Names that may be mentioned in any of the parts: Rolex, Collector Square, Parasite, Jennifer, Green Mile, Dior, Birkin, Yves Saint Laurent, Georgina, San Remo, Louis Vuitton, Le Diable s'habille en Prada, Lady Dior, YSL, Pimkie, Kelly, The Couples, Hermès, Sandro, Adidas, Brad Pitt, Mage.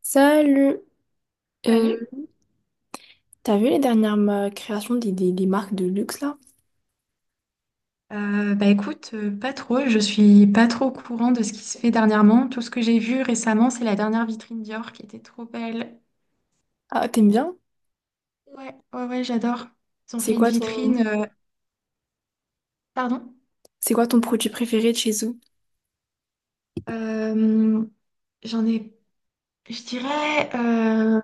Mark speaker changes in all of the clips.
Speaker 1: Salut. Euh,
Speaker 2: Salut.
Speaker 1: t'as vu les dernières créations des marques de luxe là?
Speaker 2: Bah écoute, pas trop. Je suis pas trop au courant de ce qui se fait dernièrement. Tout ce que j'ai vu récemment, c'est la dernière vitrine Dior qui était trop belle.
Speaker 1: Ah, t'aimes bien?
Speaker 2: Ouais, ouais, ouais, j'adore. Ils ont
Speaker 1: C'est
Speaker 2: fait une
Speaker 1: quoi ton
Speaker 2: vitrine. Pardon?
Speaker 1: c'est quoi ton produit préféré de chez eux?
Speaker 2: Euh, j'en ai. Je dirais.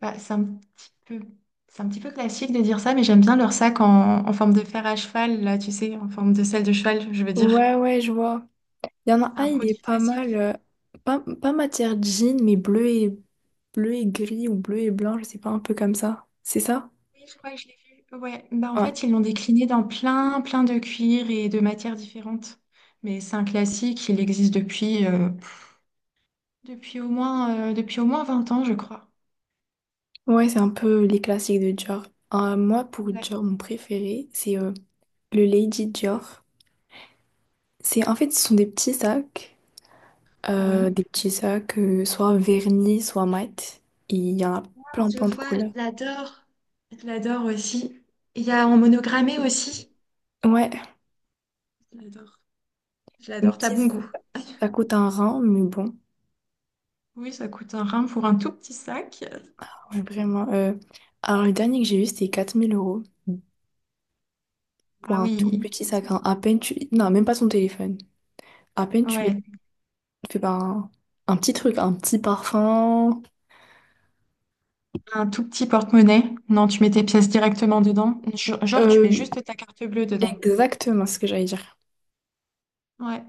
Speaker 2: C'est un petit peu. C'est un petit peu classique de dire ça, mais j'aime bien leur sac en forme de fer à cheval, là, tu sais, en forme de selle de cheval, je veux dire.
Speaker 1: Ouais, ouais, je vois. Il y en a
Speaker 2: C'est
Speaker 1: un,
Speaker 2: un
Speaker 1: il est
Speaker 2: produit
Speaker 1: pas mal.
Speaker 2: classique.
Speaker 1: Pas matière jean, mais bleu et gris ou bleu et blanc, je sais pas, un peu comme ça. C'est ça?
Speaker 2: Oui, je crois que je l'ai vu. Ouais, bah en
Speaker 1: Ouais.
Speaker 2: fait, ils l'ont décliné dans plein de cuirs et de matières différentes. Mais c'est un classique, il existe depuis au moins, depuis au moins vingt ans, je crois.
Speaker 1: Ouais, c'est un peu les classiques de Dior. Moi, pour
Speaker 2: Ouais.
Speaker 1: Dior, mon préféré, c'est le Lady Dior. C'est en fait, ce sont des petits sacs.
Speaker 2: Oui,
Speaker 1: Des petits sacs, soit vernis, soit mat. Et il y en a plein,
Speaker 2: je
Speaker 1: plein de
Speaker 2: vois, je
Speaker 1: couleurs.
Speaker 2: l'adore. je l'adore aussi. Il y a en monogrammé aussi.
Speaker 1: Ouais,
Speaker 2: Je l'adore. Je
Speaker 1: même
Speaker 2: l'adore, t'as
Speaker 1: si
Speaker 2: bon goût.
Speaker 1: ça coûte un rein, mais bon,
Speaker 2: Oui, ça coûte un rein pour un tout petit sac.
Speaker 1: ouais, vraiment. Alors, le dernier que j'ai eu, c'était 4 000 € pour
Speaker 2: Ah
Speaker 1: un tout
Speaker 2: oui,
Speaker 1: petit sac,
Speaker 2: Katie.
Speaker 1: hein. À peine tu. Non, même pas son téléphone. À peine
Speaker 2: Ouais,
Speaker 1: tu fais pas un petit truc, un petit parfum.
Speaker 2: un tout petit porte-monnaie. Non, tu mets tes pièces directement dedans. Genre, tu mets
Speaker 1: Euh,
Speaker 2: juste ta carte bleue dedans.
Speaker 1: Exactement ce que j'allais dire.
Speaker 2: Ouais.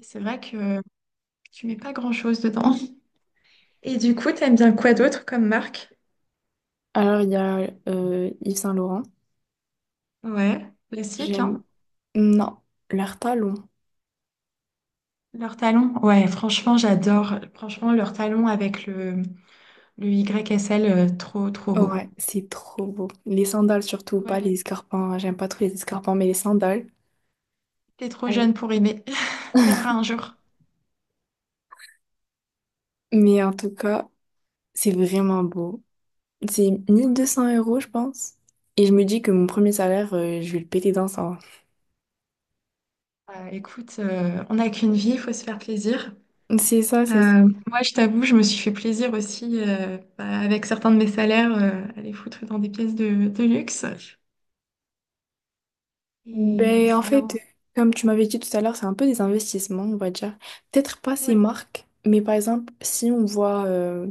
Speaker 2: C'est vrai que tu mets pas grand-chose dedans. Et du coup, t'aimes bien quoi d'autre comme marque?
Speaker 1: Alors, il y a Yves Saint Laurent.
Speaker 2: Ouais, classique,
Speaker 1: J'aime.
Speaker 2: hein?
Speaker 1: Non, leur talon.
Speaker 2: Leurs talons. Ouais, franchement, j'adore. Franchement, leurs talons avec le YSL, trop beau.
Speaker 1: Ouais, c'est trop beau. Les sandales surtout, pas
Speaker 2: Ouais,
Speaker 1: les escarpins. J'aime pas trop les escarpins, mais les sandales.
Speaker 2: t'es trop
Speaker 1: Ouais.
Speaker 2: jeune pour aimer. T'aimeras un jour.
Speaker 1: Mais en tout cas, c'est vraiment beau. C'est 1200 euros, je pense. Et je me dis que mon premier salaire, je vais le péter dans ça.
Speaker 2: Écoute, on n'a qu'une vie, il faut se faire plaisir.
Speaker 1: C'est ça, c'est ça.
Speaker 2: Moi, je t'avoue, je me suis fait plaisir aussi bah, avec certains de mes salaires, à les foutre dans des pièces de luxe. Et
Speaker 1: Ben, en
Speaker 2: c'est bien.
Speaker 1: fait, comme tu m'avais dit tout à l'heure, c'est un peu des investissements, on va dire. Peut-être pas ces
Speaker 2: Ouais.
Speaker 1: marques, mais par exemple, si on voit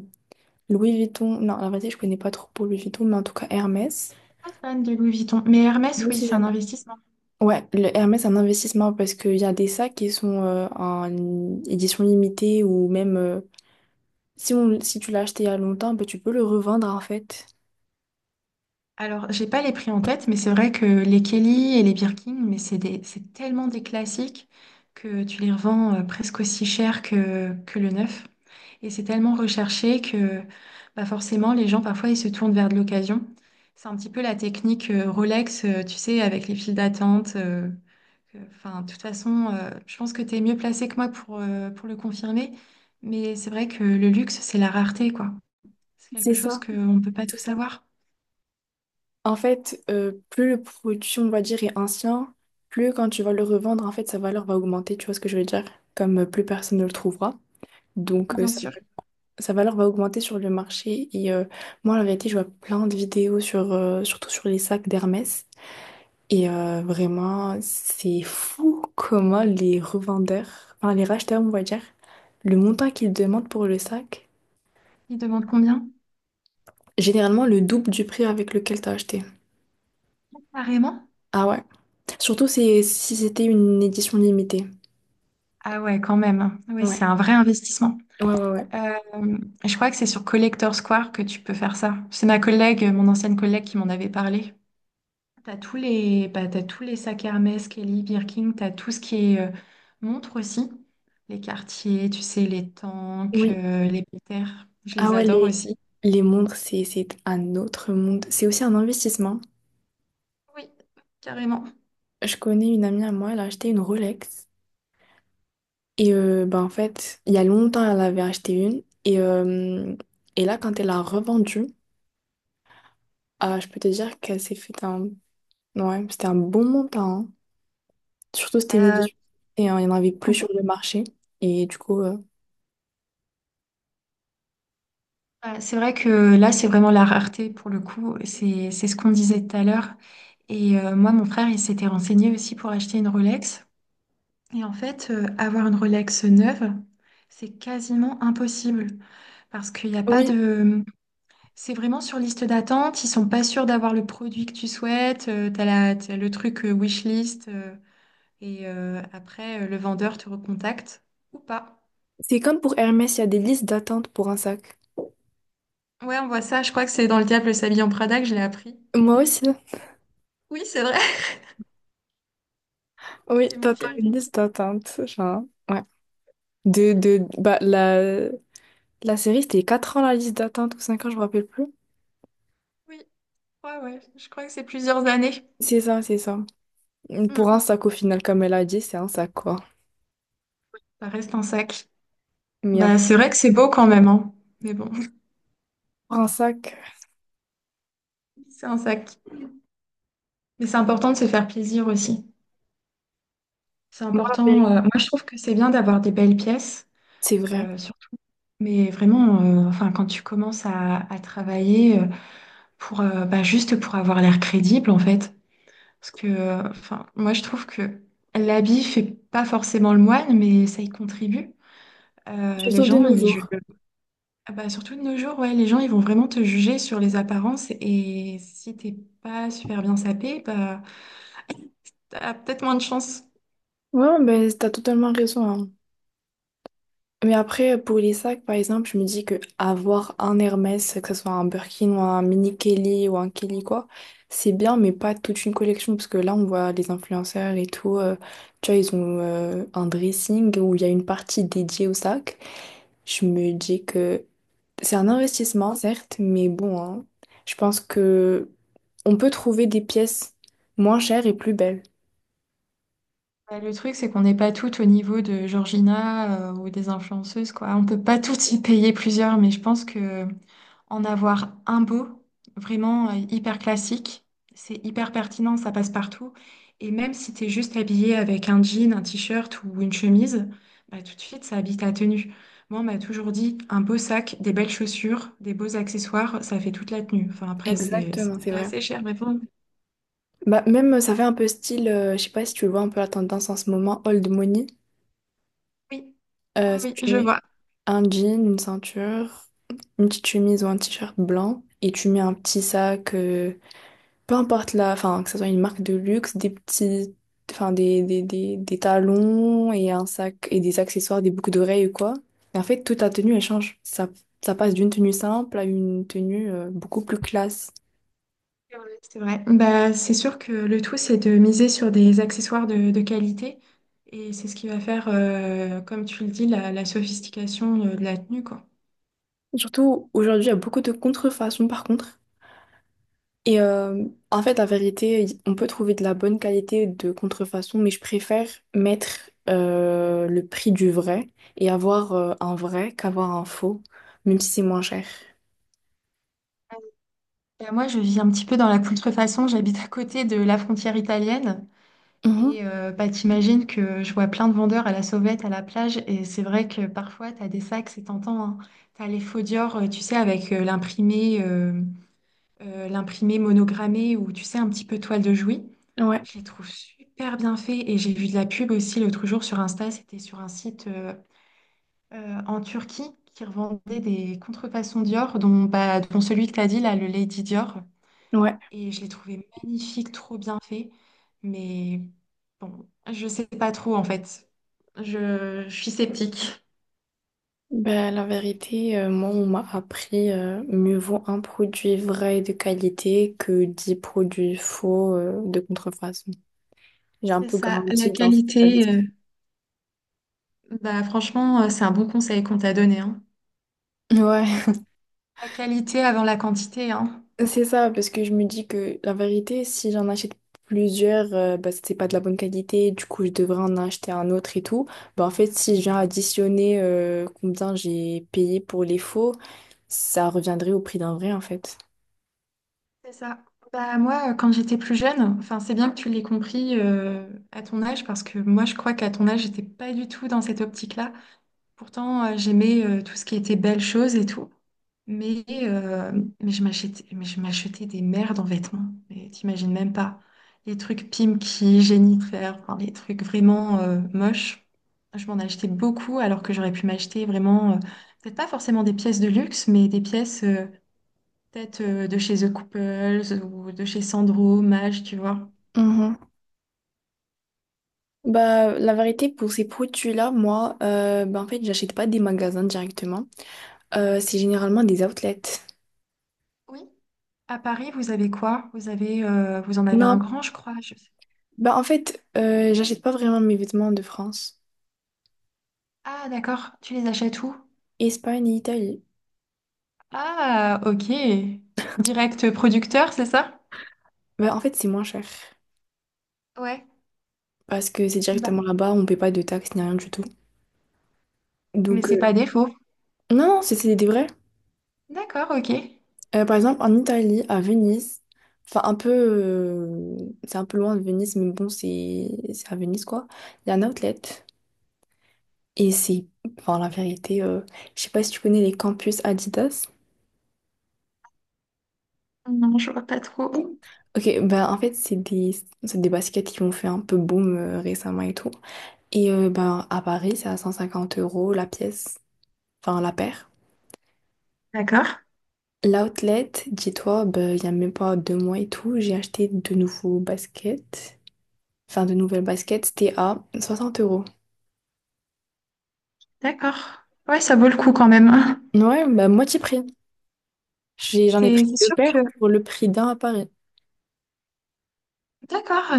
Speaker 1: Louis Vuitton, non, la vérité, je connais pas trop pour Louis Vuitton, mais en tout cas Hermès.
Speaker 2: Pas fan de Louis Vuitton, mais
Speaker 1: Moi
Speaker 2: Hermès, oui,
Speaker 1: aussi,
Speaker 2: c'est un
Speaker 1: j'aime.
Speaker 2: investissement.
Speaker 1: Ouais, le Hermès, c'est un investissement parce qu'il y a des sacs qui sont en édition limitée ou même si tu l'as acheté il y a longtemps, ben, tu peux le revendre en fait.
Speaker 2: Alors, j'ai pas les prix en tête, mais c'est vrai que les Kelly et les Birkin, mais c'est des, c'est tellement des classiques que tu les revends presque aussi cher que le neuf. Et c'est tellement recherché que bah forcément, les gens, parfois, ils se tournent vers de l'occasion. C'est un petit peu la technique Rolex, tu sais, avec les files d'attente. De toute façon, je pense que tu es mieux placé que moi pour le confirmer. Mais c'est vrai que le luxe, c'est la rareté, quoi. C'est
Speaker 1: C'est
Speaker 2: quelque chose
Speaker 1: ça,
Speaker 2: qu'on ne peut pas tout
Speaker 1: c'est ça.
Speaker 2: savoir,
Speaker 1: En fait, plus le produit, on va dire, est ancien, plus quand tu vas le revendre, en fait, sa valeur va augmenter, tu vois ce que je veux dire? Comme plus personne ne le trouvera. Donc,
Speaker 2: bien
Speaker 1: sa,
Speaker 2: sûr.
Speaker 1: sa valeur va augmenter sur le marché. Et moi, la vérité, je vois plein de vidéos surtout sur les sacs d'Hermès. Et vraiment, c'est fou comment les revendeurs, enfin les racheteurs, on va dire, le montant qu'ils demandent pour le sac,
Speaker 2: Il demande combien?
Speaker 1: généralement le double du prix avec lequel t'as acheté.
Speaker 2: Carrément?
Speaker 1: Ah ouais. Surtout si c'était une édition limitée.
Speaker 2: Ah ouais, quand même. Oui,
Speaker 1: Ouais,
Speaker 2: c'est un vrai investissement.
Speaker 1: ouais, ouais, ouais.
Speaker 2: Euh, je crois que c'est sur Collector Square que tu peux faire ça. C'est ma collègue, mon ancienne collègue qui m'en avait parlé. T'as tous les, bah, t'as tous les sacs Hermès, Kelly, Birkin, t'as tout ce qui est montre aussi. Les quartiers, tu sais, les tanks,
Speaker 1: Oui.
Speaker 2: les Péters. Je
Speaker 1: Ah
Speaker 2: les
Speaker 1: ouais,
Speaker 2: adore
Speaker 1: les,
Speaker 2: aussi.
Speaker 1: les montres, c'est un autre monde. C'est aussi un investissement.
Speaker 2: Oui, carrément.
Speaker 1: Je connais une amie à moi, elle a acheté une Rolex. Et bah, en fait, il y a longtemps, elle avait acheté une. Et là, quand elle a revendu. Ah, je peux te dire qu'elle s'est fait un. Ouais, c'était un bon montant, hein. Surtout, c'était une
Speaker 2: Euh,
Speaker 1: édition. Et il n'y en avait plus sur
Speaker 2: combien.
Speaker 1: le marché. Et du coup.
Speaker 2: Bah, c'est vrai que là, c'est vraiment la rareté pour le coup. C'est ce qu'on disait tout à l'heure. Et moi, mon frère, il s'était renseigné aussi pour acheter une Rolex. Et en fait, avoir une Rolex neuve, c'est quasiment impossible parce qu'il n'y a pas
Speaker 1: Oui,
Speaker 2: de... C'est vraiment sur liste d'attente. Ils sont pas sûrs d'avoir le produit que tu souhaites. T'as la, t'as le truc wishlist. Après, le vendeur te recontacte ou pas.
Speaker 1: c'est comme pour Hermès, il y a des listes d'attente pour un sac.
Speaker 2: Ouais, on voit ça. Je crois que c'est dans Le Diable s'habille en Prada que je l'ai appris.
Speaker 1: Moi aussi.
Speaker 2: Oui, c'est vrai.
Speaker 1: Oui,
Speaker 2: C'était mon
Speaker 1: t'attends
Speaker 2: film.
Speaker 1: une liste d'attente. Genre, ouais. Bah, la série, c'était 4 ans la liste d'attente ou 5 ans, je me rappelle plus.
Speaker 2: Oui, ouais, ouais. Je crois que c'est plusieurs années.
Speaker 1: C'est ça, c'est ça.
Speaker 2: Mm.
Speaker 1: Pour un sac, au final, comme elle a dit, c'est un sac, quoi.
Speaker 2: Ça reste un sac.
Speaker 1: Mais un-
Speaker 2: Bah, c'est vrai que c'est beau quand même, hein. Mais bon,
Speaker 1: pour un sac,
Speaker 2: c'est un sac. Mais c'est important de se faire plaisir aussi. C'est
Speaker 1: moi, la
Speaker 2: important.
Speaker 1: vérité,
Speaker 2: Moi, je trouve que c'est bien d'avoir des belles pièces,
Speaker 1: c'est vrai.
Speaker 2: surtout. Mais vraiment, quand tu commences à travailler pour, bah, juste pour avoir l'air crédible, en fait. Parce que moi, je trouve que l'habit fait pas forcément le moine, mais ça y contribue. Les
Speaker 1: Surtout de
Speaker 2: gens,
Speaker 1: nos
Speaker 2: ils jugent.
Speaker 1: jours.
Speaker 2: Ah bah, surtout de nos jours, ouais, les gens ils vont vraiment te juger sur les apparences et si t'es pas super bien sapé, bah, t'as peut-être moins de chance.
Speaker 1: Ouais, ben, t'as totalement raison, hein. Mais après, pour les sacs, par exemple, je me dis que avoir un Hermès, que ce soit un Birkin ou un mini Kelly ou un Kelly quoi, c'est bien, mais pas toute une collection, parce que là, on voit les influenceurs et tout, tu vois, ils ont un dressing où il y a une partie dédiée au sac. Je me dis que c'est un investissement, certes, mais bon, hein, je pense que on peut trouver des pièces moins chères et plus belles.
Speaker 2: Bah, le truc, c'est qu'on n'est pas toutes au niveau de Georgina ou des influenceuses, quoi. On peut pas toutes y payer plusieurs, mais je pense que en avoir un beau, vraiment hyper classique. C'est hyper pertinent, ça passe partout. Et même si tu es juste habillé avec un jean, un t-shirt ou une chemise, bah, tout de suite, ça habite ta tenue. Moi, on m'a toujours dit un beau sac, des belles chaussures, des beaux accessoires, ça fait toute la tenue. Enfin, après, c'est
Speaker 1: Exactement, c'est
Speaker 2: c'est
Speaker 1: vrai.
Speaker 2: assez cher, mais bon.
Speaker 1: Bah, même, ça fait un peu style, je sais pas si tu vois un peu la tendance en ce moment, old money.
Speaker 2: Oui, oui,
Speaker 1: Si
Speaker 2: oui,
Speaker 1: tu
Speaker 2: je
Speaker 1: mets
Speaker 2: vois.
Speaker 1: un jean, une ceinture, une petite chemise ou un t-shirt blanc et tu mets un petit sac, peu importe la, enfin, que ce soit une marque de luxe, des petits, enfin, des talons et un sac et des accessoires, des boucles d'oreilles ou quoi. Et en fait, toute ta tenue, elle change. Ça passe d'une tenue simple à une tenue, beaucoup plus classe.
Speaker 2: Ouais, c'est vrai. Bah, c'est sûr que le tout, c'est de miser sur des accessoires de qualité. Et c'est ce qui va faire, comme tu le dis, la sophistication de la tenue, quoi.
Speaker 1: Surtout, aujourd'hui, il y a beaucoup de contrefaçons par contre. Et en fait, la vérité, on peut trouver de la bonne qualité de contrefaçon, mais je préfère mettre le prix du vrai et avoir un vrai qu'avoir un faux, même si c'est moins cher.
Speaker 2: Bah, moi, je vis un petit peu dans la contrefaçon. J'habite à côté de la frontière italienne.
Speaker 1: Mhm.
Speaker 2: Et bah, t'imagines que je vois plein de vendeurs à la sauvette, à la plage. Et c'est vrai que parfois, t'as des sacs, c'est tentant, hein. T'as les faux Dior, tu sais, avec l'imprimé monogrammé ou, tu sais, un petit peu toile de Jouy.
Speaker 1: Ouais,
Speaker 2: Je les trouve super bien faits et j'ai vu de la pub aussi l'autre jour sur Insta, c'était sur un site en Turquie qui revendait des contrefaçons Dior, dont celui que tu as dit là, le Lady Dior.
Speaker 1: ouais.
Speaker 2: Et je l'ai trouvé magnifique, trop bien fait. Mais bon, je sais pas trop en fait. Je suis sceptique.
Speaker 1: Ben, la vérité, moi, on m'a appris mieux vaut un produit vrai et de qualité que 10 produits faux de contrefaçon. J'ai un
Speaker 2: C'est
Speaker 1: peu
Speaker 2: ça, la
Speaker 1: grandi dans cet état
Speaker 2: qualité.
Speaker 1: d'esprit.
Speaker 2: euh, Bah, franchement, c'est un bon conseil qu'on t'a donné, hein.
Speaker 1: Ouais.
Speaker 2: La qualité avant la quantité, hein.
Speaker 1: C'est ça, parce que je me dis que la vérité, si j'en achète plusieurs, bah, c'est pas de la bonne qualité, du coup je devrais en acheter un autre et tout. Bah, en fait, si je viens additionner combien j'ai payé pour les faux, ça reviendrait au prix d'un vrai en fait.
Speaker 2: C'est ça. Bah, moi, quand j'étais plus jeune, enfin, c'est bien que tu l'aies compris à ton âge, parce que moi, je crois qu'à ton âge, j'étais pas du tout dans cette optique-là. Pourtant, j'aimais tout ce qui était belles choses et tout. Mais, euh, mais je m'achetais des merdes en vêtements. Mais t'imagines même pas. Les trucs Pimkie, Jennifer, enfin, les trucs vraiment moches. Je m'en achetais beaucoup, alors que j'aurais pu m'acheter vraiment, peut-être pas forcément des pièces de luxe, mais des pièces. Peut-être de chez The Couples ou de chez Sandro, Mage, tu vois.
Speaker 1: Mhm. Bah, la vérité, pour ces produits-là, moi, bah, en fait, j'achète pas des magasins directement. C'est généralement des outlets.
Speaker 2: Oui. À Paris, vous avez quoi? Vous avez, vous en avez
Speaker 1: Non,
Speaker 2: un grand, je crois. Je sais-
Speaker 1: bah, en fait, j'achète pas vraiment mes vêtements de France,
Speaker 2: Ah, d'accord. Tu les achètes où?
Speaker 1: Espagne et Italie.
Speaker 2: Ah, ok. Direct producteur, c'est ça?
Speaker 1: Bah, en fait, c'est moins cher,
Speaker 2: Ouais.
Speaker 1: parce que c'est
Speaker 2: Bah,
Speaker 1: directement là-bas, on ne paie pas de taxes ni rien du tout.
Speaker 2: mais
Speaker 1: Donc,
Speaker 2: c'est pas défaut.
Speaker 1: non, non, c'est des vrais.
Speaker 2: D'accord, ok.
Speaker 1: Par exemple, en Italie, à Venise, enfin, un peu, c'est un peu loin de Venise, mais bon, c'est à Venise, quoi. Il y a un outlet. Et enfin, la vérité, je sais pas si tu connais les campus Adidas.
Speaker 2: Non, je vois pas trop.
Speaker 1: Ok, ben en fait, c'est des baskets qui ont fait un peu boom récemment et tout. Et ben, à Paris, c'est à 150 euros la pièce, enfin, la paire.
Speaker 2: D'accord,
Speaker 1: L'outlet, dis-toi, ben, il y a même pas 2 mois et tout, j'ai acheté de nouveaux baskets. Enfin, de nouvelles baskets, c'était à 60 euros.
Speaker 2: d'accord. Ouais, ça vaut le coup quand même, hein.
Speaker 1: Ouais, bah moitié prix. J'en ai
Speaker 2: C'est
Speaker 1: pris
Speaker 2: c'est
Speaker 1: deux
Speaker 2: sûr que...
Speaker 1: paires pour le prix d'un à Paris.
Speaker 2: D'accord.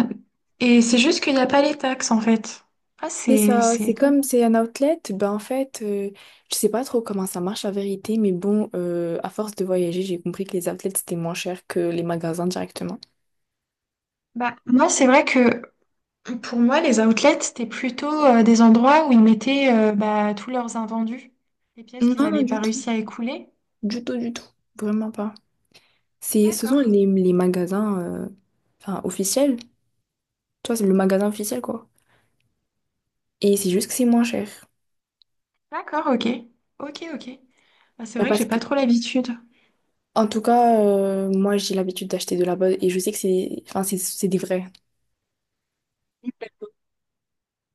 Speaker 2: Et c'est juste qu'il n'y a pas les taxes en fait. Ah,
Speaker 1: C'est
Speaker 2: c'est
Speaker 1: ça,
Speaker 2: c'est
Speaker 1: c'est
Speaker 2: étonnant.
Speaker 1: comme c'est un outlet, ben en fait, je sais pas trop comment ça marche la vérité, mais bon, à force de voyager, j'ai compris que les outlets c'était moins cher que les magasins directement.
Speaker 2: Bah, moi, c'est vrai que pour moi, les outlets, c'était plutôt des endroits où ils mettaient bah, tous leurs invendus, les pièces
Speaker 1: Non,
Speaker 2: qu'ils
Speaker 1: non,
Speaker 2: n'avaient pas
Speaker 1: du tout,
Speaker 2: réussi à écouler.
Speaker 1: du tout, du tout, vraiment pas. Ce sont
Speaker 2: D'accord,
Speaker 1: les magasins, enfin, officiels. Tu vois, c'est le magasin officiel, quoi. Et c'est juste que c'est moins cher.
Speaker 2: d'accord, ok, ok, ok. Bah, c'est
Speaker 1: Euh,
Speaker 2: vrai que
Speaker 1: Parce
Speaker 2: j'ai
Speaker 1: que,
Speaker 2: pas trop l'habitude.
Speaker 1: en tout cas, moi, j'ai l'habitude d'acheter de là-bas et je sais que c'est enfin, c'est des vrais.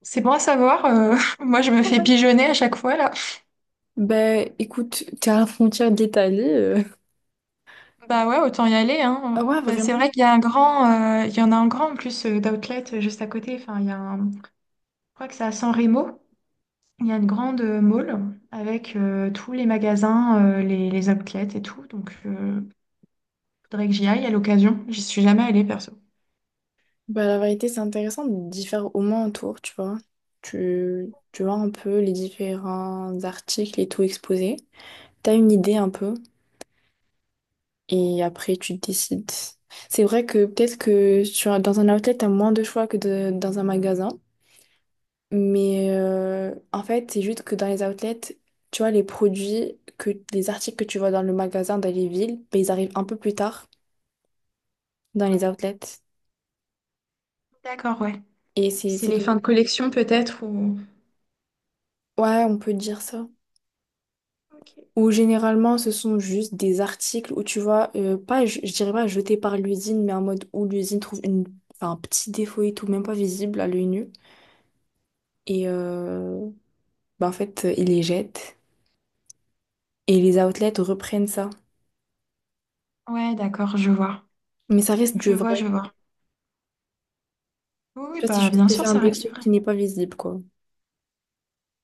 Speaker 2: C'est bon à savoir. Moi, je me fais pigeonner à chaque fois là.
Speaker 1: Ben, écoute, t'es à la frontière de l'Italie.
Speaker 2: Bah ouais, autant y aller,
Speaker 1: Ah
Speaker 2: hein.
Speaker 1: ouais,
Speaker 2: Bah, c'est
Speaker 1: vraiment?
Speaker 2: vrai qu'il y a un grand, il y en a un grand en plus d'outlet juste à côté. Enfin, il y a un- Je crois que c'est à San Remo. Il y a une grande mall avec tous les magasins, les outlets et tout. Donc, faudrait que j'y aille à l'occasion. J'y suis jamais allée perso. Ouais.
Speaker 1: Ben, la vérité, c'est intéressant d'y faire au moins un tour, tu vois. Tu vois un peu les différents articles et tout exposés. T'as une idée un peu et après, tu décides. C'est vrai que peut-être que dans un outlet, t'as moins de choix que dans un magasin. Mais en fait, c'est juste que dans les outlets, tu vois, les articles que tu vois dans le magasin, dans les villes, ben, ils arrivent un peu plus tard dans les outlets.
Speaker 2: D'accord, ouais.
Speaker 1: Et c'est
Speaker 2: C'est
Speaker 1: c'est
Speaker 2: les
Speaker 1: tout.
Speaker 2: fins de collection peut-être ou...
Speaker 1: Ouais, on peut dire ça.
Speaker 2: Ok.
Speaker 1: Ou généralement, ce sont juste des articles où tu vois, pas, je dirais pas jetés par l'usine, mais en mode où l'usine trouve enfin, un petit défaut et tout, même pas visible à l'œil nu. Et ben, en fait, ils les jettent. Et les outlets reprennent ça.
Speaker 2: Ouais, d'accord, je vois.
Speaker 1: Mais ça reste du
Speaker 2: Je vois,
Speaker 1: vrai.
Speaker 2: je vois. Oui, oui,
Speaker 1: Tu vois, c'est
Speaker 2: bah
Speaker 1: juste
Speaker 2: bien
Speaker 1: que c'est
Speaker 2: sûr,
Speaker 1: un
Speaker 2: ça reste du
Speaker 1: défaut
Speaker 2: vrai.
Speaker 1: qui n'est pas visible, quoi.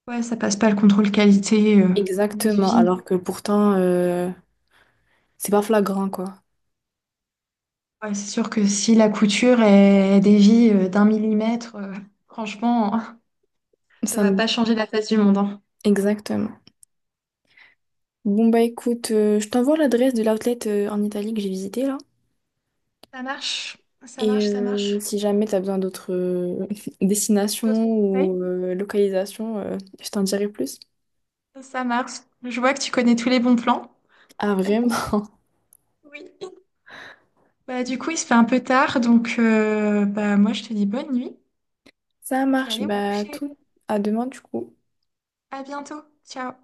Speaker 2: Ouais, ça passe pas le contrôle qualité des
Speaker 1: Exactement,
Speaker 2: usines.
Speaker 1: alors que pourtant, c'est pas flagrant, quoi.
Speaker 2: Ouais, c'est sûr que si la couture est dévie d'un millimètre, franchement, ça
Speaker 1: Ça
Speaker 2: va
Speaker 1: me-
Speaker 2: pas changer la face du monde, hein.
Speaker 1: Exactement. Bon, bah écoute, je t'envoie l'adresse de l'outlet en Italie que j'ai visité, là.
Speaker 2: Ça marche, ça
Speaker 1: Et
Speaker 2: marche, ça marche.
Speaker 1: si jamais t'as besoin d'autres destinations
Speaker 2: D'autres conseils?
Speaker 1: ou localisations, je t'en dirai plus.
Speaker 2: Ça marche. Je vois que tu connais tous les bons plans.
Speaker 1: Ah, vraiment?
Speaker 2: Oui. Bah, du coup, il se fait un peu tard, donc bah, moi, je te dis bonne nuit.
Speaker 1: Ça
Speaker 2: Je vais
Speaker 1: marche,
Speaker 2: aller me
Speaker 1: bah
Speaker 2: coucher.
Speaker 1: tout. À demain, du coup.
Speaker 2: À bientôt. Ciao.